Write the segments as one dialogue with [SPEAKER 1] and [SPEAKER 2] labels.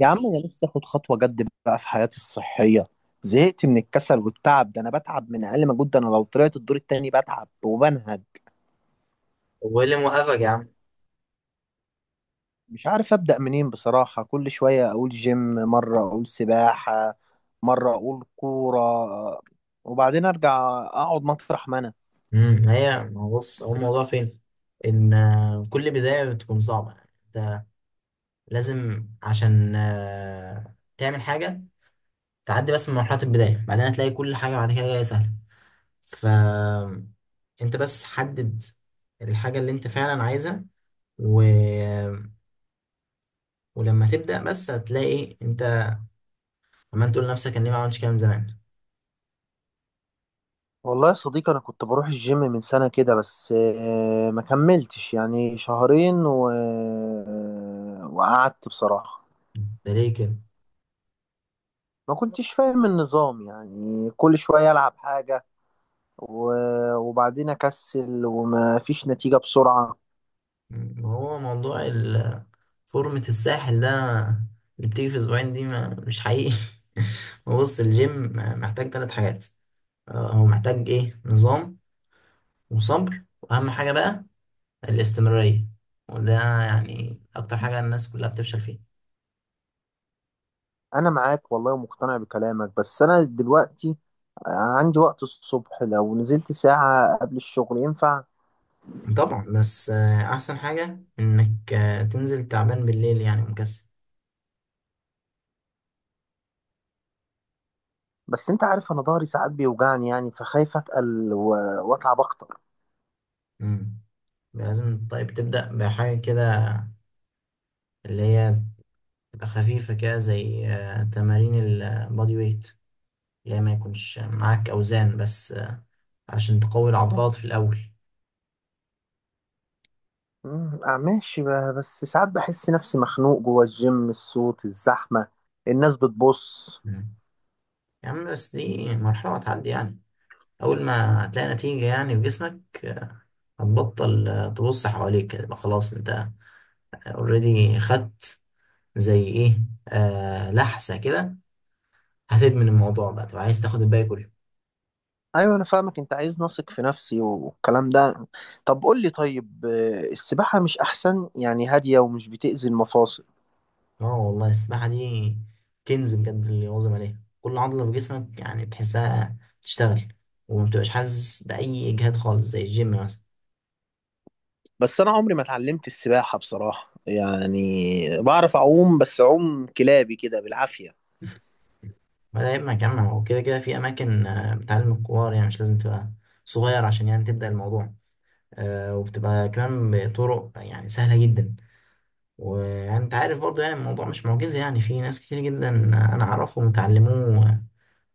[SPEAKER 1] يا عم انا لسه اخد خطوه جد بقى في حياتي الصحيه. زهقت من الكسل والتعب ده، انا بتعب من اقل مجهود، ده انا لو طلعت الدور التاني بتعب وبنهج.
[SPEAKER 2] طب، وايه اللي موقفك يا عم؟
[SPEAKER 1] مش عارف ابدا منين بصراحه، كل شويه اقول جيم، مره اقول سباحه، مره اقول كوره، وبعدين ارجع اقعد مطرح ما انا.
[SPEAKER 2] هي ما هو بص، هو الموضوع فين؟ ان كل بدايه بتكون صعبه، يعني. انت لازم عشان تعمل حاجه، تعدي بس من مرحله البدايه، بعدين هتلاقي كل حاجه بعد كده جايه سهله. ف، انت بس حدد الحاجه اللي انت فعلا عايزها، و... ولما تبدا بس هتلاقي انت عمال تقول لنفسك، انا ليه ما عملتش كده من زمان؟
[SPEAKER 1] والله يا صديقي انا كنت بروح الجيم من سنه كده، بس ما كملتش يعني شهرين وقعدت بصراحه.
[SPEAKER 2] ده ليه كده؟
[SPEAKER 1] ما كنتش فاهم النظام، يعني كل شوية ألعب حاجة، وبعدين اكسل وما فيش نتيجة بسرعة.
[SPEAKER 2] ما هو موضوع فورمة الساحل ده اللي بتيجي في اسبوعين دي، ما مش حقيقي. هو بص، الجيم محتاج ثلاث حاجات. هو محتاج، ايه، نظام وصبر. واهم حاجة بقى الاستمرارية، وده يعني اكتر حاجة الناس كلها بتفشل فيها.
[SPEAKER 1] انا معاك والله ومقتنع بكلامك، بس انا دلوقتي عندي وقت الصبح، لو نزلت ساعة قبل الشغل ينفع؟
[SPEAKER 2] طبعا، بس احسن حاجة انك تنزل تعبان بالليل، يعني مكسل.
[SPEAKER 1] بس انت عارف انا ضهري ساعات بيوجعني، يعني فخايف اتقل واتعب اكتر.
[SPEAKER 2] مم. لازم طيب تبدأ بحاجة كده اللي هي تبقى خفيفة كده، زي تمارين البادي ويت، اللي هي ما يكونش معاك أوزان، بس علشان تقوي العضلات في الأول.
[SPEAKER 1] أمم، آه، ماشي، بس ساعات بحس نفسي مخنوق جوه الجيم، الصوت، الزحمة، الناس بتبص.
[SPEAKER 2] مم. يا عم، بس دي مرحلة هتعدي يعني. أول ما هتلاقي نتيجة يعني في جسمك، هتبطل تبص حواليك، يبقى خلاص أنت اوريدي خدت زي إيه، آه، لحسة كده. هتدمن الموضوع بقى، تبقى عايز تاخد الباقي كله.
[SPEAKER 1] ايوه انا فاهمك، انت عايز نثق في نفسي والكلام ده. طب قول لي، طيب السباحة مش احسن؟ يعني هادية ومش بتأذي المفاصل.
[SPEAKER 2] اه والله، السباحة دي كنز بجد. اللي يواظب عليها، كل عضلة في جسمك يعني بتحسها تشتغل، وما بتبقاش حاسس بأي إجهاد خالص زي الجيم مثلا.
[SPEAKER 1] بس انا عمري ما اتعلمت السباحة بصراحة، يعني بعرف اعوم بس اعوم كلابي كده بالعافية.
[SPEAKER 2] ما ده يبقى جامعة، وكده كده في أماكن بتعلم الكبار، يعني مش لازم تبقى صغير عشان يعني تبدأ الموضوع. وبتبقى كمان بطرق يعني سهلة جدا. ويعني أنت عارف برضه، يعني الموضوع مش معجزة، يعني في ناس كتير جدا أنا أعرفهم اتعلموه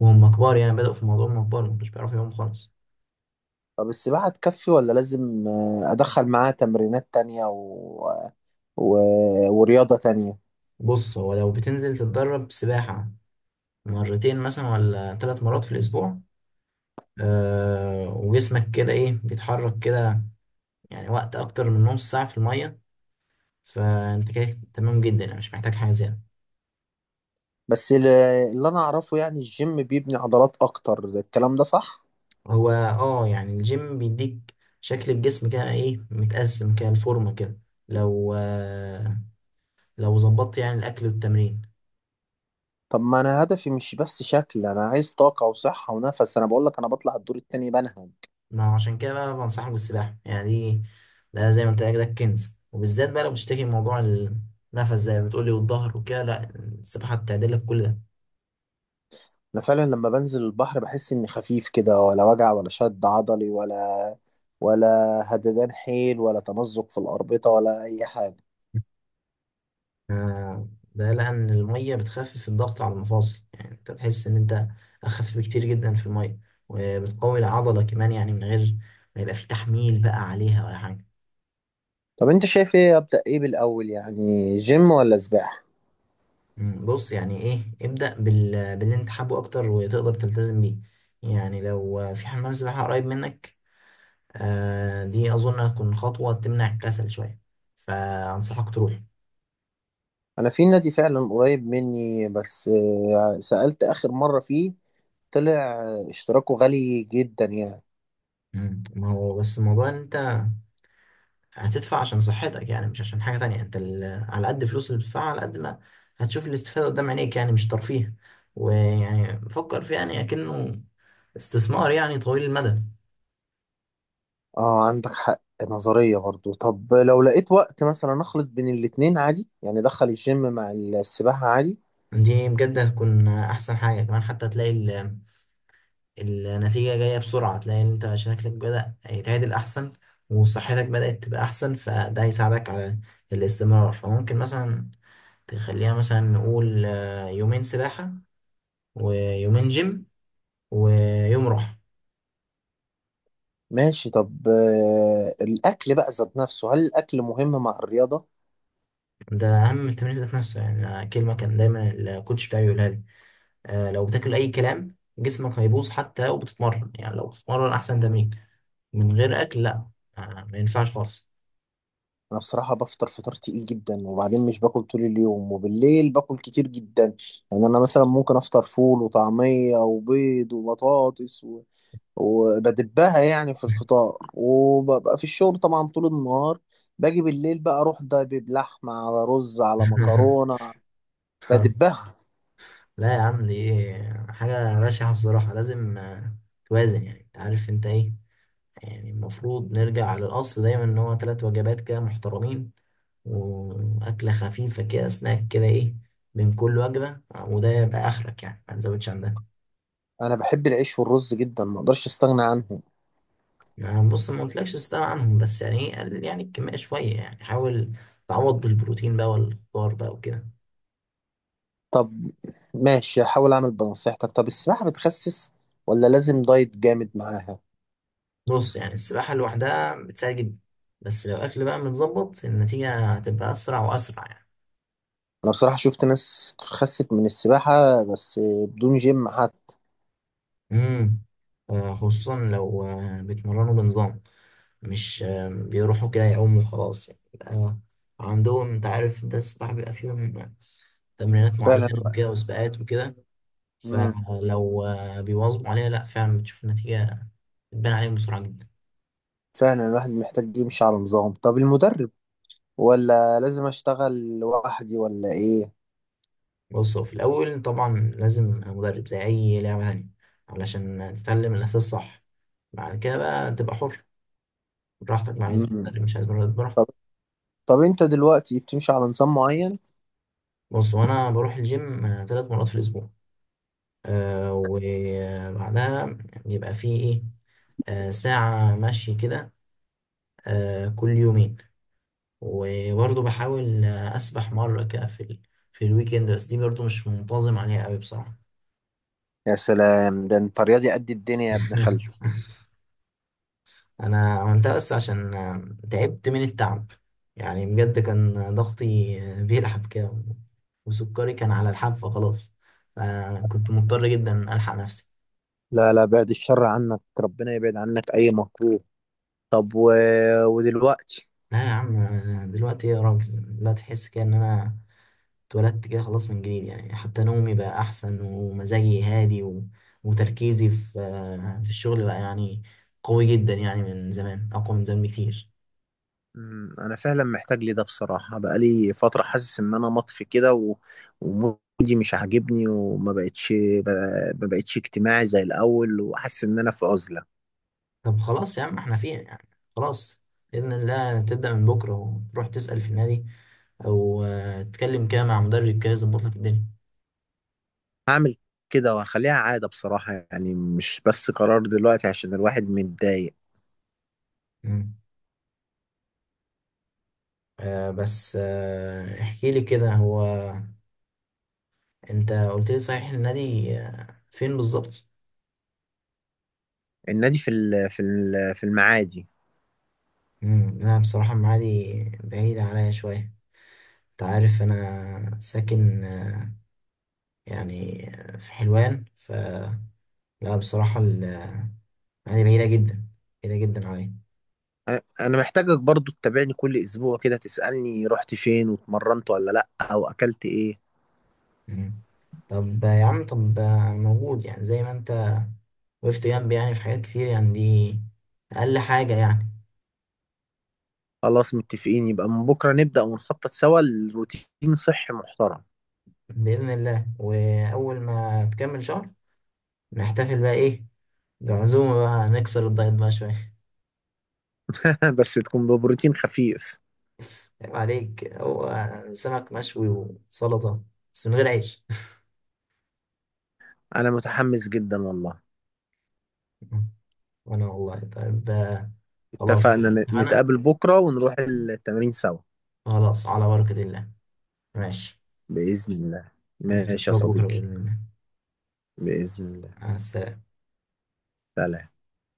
[SPEAKER 2] وهم كبار، يعني بدأوا في الموضوع وهم كبار، ما كانوش بيعرفوا يقوموا خالص.
[SPEAKER 1] طب السباحة تكفي، ولا لازم ادخل معاها تمرينات تانية و... ورياضة تانية؟
[SPEAKER 2] بص، هو لو بتنزل تتدرب سباحة مرتين مثلا ولا ثلاث مرات في الأسبوع، وجسمك كده، إيه، بيتحرك كده يعني وقت أكتر من نص ساعة في المية، فانت كده تمام جدا، يعني مش محتاج حاجه زياده.
[SPEAKER 1] بس اللي انا اعرفه يعني الجيم بيبني عضلات اكتر، الكلام ده صح؟
[SPEAKER 2] هو اه، يعني الجيم بيديك شكل الجسم كده، ايه، متقسم كده، الفورمه كده، لو آه لو ظبطت يعني الاكل والتمرين.
[SPEAKER 1] طب ما انا هدفي مش بس شكل، انا عايز طاقة وصحة ونفس، انا بقول لك انا بطلع الدور التاني بنهج.
[SPEAKER 2] ما عشان كده بقى بنصحك بالسباحه، يعني دي، ده زي ما انت قايل، ده الكنز. وبالذات بقى لو بتشتكي من موضوع النفس زي ما بتقولي، والظهر وكده، لا، السباحه بتعدل لك كل ده.
[SPEAKER 1] انا فعلا لما بنزل البحر بحس اني خفيف كده، ولا وجع، ولا شد عضلي، ولا هددان حيل، ولا تمزق في الأربطة، ولا اي حاجة.
[SPEAKER 2] آه، ده لأن المية بتخفف الضغط على المفاصل، يعني أنت تحس إن أنت أخف بكتير جدا في المية. وبتقوي العضلة كمان يعني، من غير ما يبقى في تحميل بقى عليها ولا حاجة.
[SPEAKER 1] طب انت شايف ايه؟ ابدأ ايه بالاول، يعني جيم ولا سباحة؟
[SPEAKER 2] بص، يعني، إيه، ابدأ باللي أنت حابه أكتر وتقدر تلتزم بيه. يعني لو في حمام سباحة قريب منك، دي أظن هتكون خطوة تمنع الكسل شوية، فأنصحك تروح.
[SPEAKER 1] انا في نادي فعلا قريب مني، بس سألت اخر مرة فيه، طلع اشتراكه غالي جدا يعني.
[SPEAKER 2] ما هو بس الموضوع إن أنت هتدفع عشان صحتك، يعني مش عشان حاجة تانية. انت على قد فلوس اللي بتدفعها، على قد ما هتشوف الاستفادة قدام عينيك، يعني مش ترفيه. ويعني فكر فيه يعني اكنه استثمار، يعني طويل المدى.
[SPEAKER 1] اه عندك حق نظرية برضو. طب لو لقيت وقت مثلا اخلط بين الاتنين عادي؟ يعني ادخل الجيم مع السباحة عادي.
[SPEAKER 2] دي بجد هتكون احسن حاجة كمان، حتى هتلاقي النتيجة جاية بسرعة، تلاقي ان انت شكلك بدأ يتعدل احسن، وصحتك بدأت تبقى احسن، فده هيساعدك على الاستمرار. فممكن مثلا تخليها، مثلا نقول يومين سباحة ويومين جيم ويوم راحة.
[SPEAKER 1] ماشي. طب آه الاكل بقى ذات نفسه، هل الاكل مهم مع الرياضة؟
[SPEAKER 2] ده اهم التمرين ذات نفسه، يعني أنا كلمه كان دايما الكوتش بتاعي يقولها لي، آه، لو بتاكل اي كلام جسمك هيبوظ حتى لو بتتمرن. يعني لو بتتمرن احسن تمرين من غير اكل، لا، آه ما ينفعش خالص.
[SPEAKER 1] انا بصراحة بفطر فطار تقيل جدا، وبعدين مش باكل طول اليوم، وبالليل باكل كتير جدا. يعني انا مثلا ممكن افطر فول وطعمية وبيض وبطاطس وبدبها يعني في الفطار، وببقى في الشغل طبعا طول النهار، باجي بالليل بقى اروح دبب لحمة على رز على مكرونة بدبها.
[SPEAKER 2] لا يا عم، دي حاجه بشعه بصراحه. لازم توازن، يعني انت عارف انت ايه. يعني المفروض نرجع للاصل دايما ان هو ثلاث وجبات كده محترمين، واكله خفيفه كده سناك كده، ايه، بين كل وجبه. وده يبقى اخرك يعني، ما نزودش عن ده.
[SPEAKER 1] انا بحب العيش والرز جدا، ما اقدرش استغنى عنهم.
[SPEAKER 2] ما بص، ما قلتلكش تستغنى عنهم، بس يعني، ايه، قلل يعني الكمية شوية، يعني حاول تعوض بالبروتين بقى والخضار بقى وكده.
[SPEAKER 1] طب ماشي هحاول اعمل بنصيحتك. طب السباحة بتخسس ولا لازم دايت جامد معاها؟
[SPEAKER 2] بص، يعني السباحة لوحدها بتساعد جدا، بس لو الأكل بقى متظبط النتيجة هتبقى أسرع وأسرع يعني.
[SPEAKER 1] انا بصراحة شفت ناس خست من السباحة بس، بدون جيم حتى.
[SPEAKER 2] امم خصوصا لو بيتمرنوا بنظام، مش بيروحوا كده يعوموا وخلاص. يعني بيبقى عندهم، انت عارف انت، السباحة بيبقى فيهم تمرينات
[SPEAKER 1] فعلا
[SPEAKER 2] معينة
[SPEAKER 1] الواحد-
[SPEAKER 2] وكده وسباقات وكده.
[SPEAKER 1] مم.
[SPEAKER 2] فلو بيواظبوا عليها، لا فعلا بتشوف النتيجة بتبان عليهم بسرعة جدا.
[SPEAKER 1] فعلا الواحد محتاج يمشي على نظام. طب المدرب ولا لازم اشتغل لوحدي ولا ايه؟
[SPEAKER 2] بص، هو في الأول طبعا لازم مدرب زي أي لعبة تانية علشان تتعلم الأساس صح. بعد كده بقى تبقى حر، براحتك بقى، عايز
[SPEAKER 1] مم.
[SPEAKER 2] مدرب، مش عايز مدرب، براحتك.
[SPEAKER 1] طب طب انت دلوقتي بتمشي على نظام معين؟
[SPEAKER 2] بص، وأنا بروح الجيم ثلاث مرات في الأسبوع، وبعدها بيبقى فيه، إيه، ساعة مشي كده، كل يومين. وبرضه بحاول أسبح مرة كده في الويكند، بس دي برضه مش منتظم عليها قوي بصراحة.
[SPEAKER 1] يا سلام، ده انت رياضي قد الدنيا يا ابن خالتي.
[SPEAKER 2] انا عملتها بس عشان تعبت من التعب، يعني بجد كان ضغطي بيلعب كده، وسكري كان على الحافة خلاص، فكنت مضطر جدا ألحق نفسي.
[SPEAKER 1] لا لا، بعد الشر عنك، ربنا يبعد عنك اي مكروه. طب ودلوقتي؟
[SPEAKER 2] لا يا عم، دلوقتي يا راجل، لا، تحس كده ان انا اتولدت كده خلاص من جديد، يعني حتى نومي بقى احسن، ومزاجي هادي، وتركيزي في الشغل بقى يعني قوي جدا، يعني من زمان اقوى من زمان بكتير.
[SPEAKER 1] مم، انا فعلا محتاج لي ده بصراحة، بقالي فترة حاسس ان انا مطفي كده ومودي مش عاجبني، وما بقتش ب... ما بقتش اجتماعي زي الاول، وحاسس ان انا في عزلة.
[SPEAKER 2] طب، خلاص يا عم، احنا فين يعني؟ خلاص، بإذن الله تبدأ من بكرة، وتروح تسأل في النادي، أو تتكلم كده مع مدرب كده يظبط لك الدنيا.
[SPEAKER 1] هعمل كده وهخليها عادة بصراحة، يعني مش بس قرار دلوقتي عشان الواحد متضايق.
[SPEAKER 2] مم. بس احكي لي كده، هو أنت قلت لي صحيح، النادي فين بالظبط؟
[SPEAKER 1] النادي في المعادي.
[SPEAKER 2] مم. لا، بصراحة المعادي بعيدة عليا شوية، أنت عارف أنا ساكن يعني في حلوان، فلا بصراحة المعادي بعيدة جدا، بعيدة جدا عليا.
[SPEAKER 1] انا محتاجك برضو تتابعني كل اسبوع كده، تسألني رحت فين واتمرنت ولا لا، او اكلت ايه.
[SPEAKER 2] مم. طب يا عم، طب انا موجود، يعني زي ما انت وقفت جنبي يعني في حاجات كتير، يعني دي اقل حاجة يعني.
[SPEAKER 1] خلاص متفقين، يبقى من بكرة نبدأ ونخطط سوا لروتين صحي محترم.
[SPEAKER 2] بإذن الله، واول ما تكمل شهر نحتفل بقى، ايه، بعزومة بقى، نكسر الدايت بقى شوية.
[SPEAKER 1] بس تكون ببروتين خفيف.
[SPEAKER 2] عيب عليك، هو سمك مشوي وسلطة، بس من غير عيش.
[SPEAKER 1] انا متحمس جدا والله.
[SPEAKER 2] وانا والله طيب. خلاص،
[SPEAKER 1] اتفقنا،
[SPEAKER 2] اتفقنا.
[SPEAKER 1] نتقابل بكرة ونروح التمرين سوا،
[SPEAKER 2] خلاص، على بركة الله. ماشي.
[SPEAKER 1] بإذن الله.
[SPEAKER 2] ماشي،
[SPEAKER 1] ماشي يا
[SPEAKER 2] نشوفك بكرة
[SPEAKER 1] صديقي،
[SPEAKER 2] بإذن الله.
[SPEAKER 1] بإذن الله.
[SPEAKER 2] مع السلامة.
[SPEAKER 1] سلام.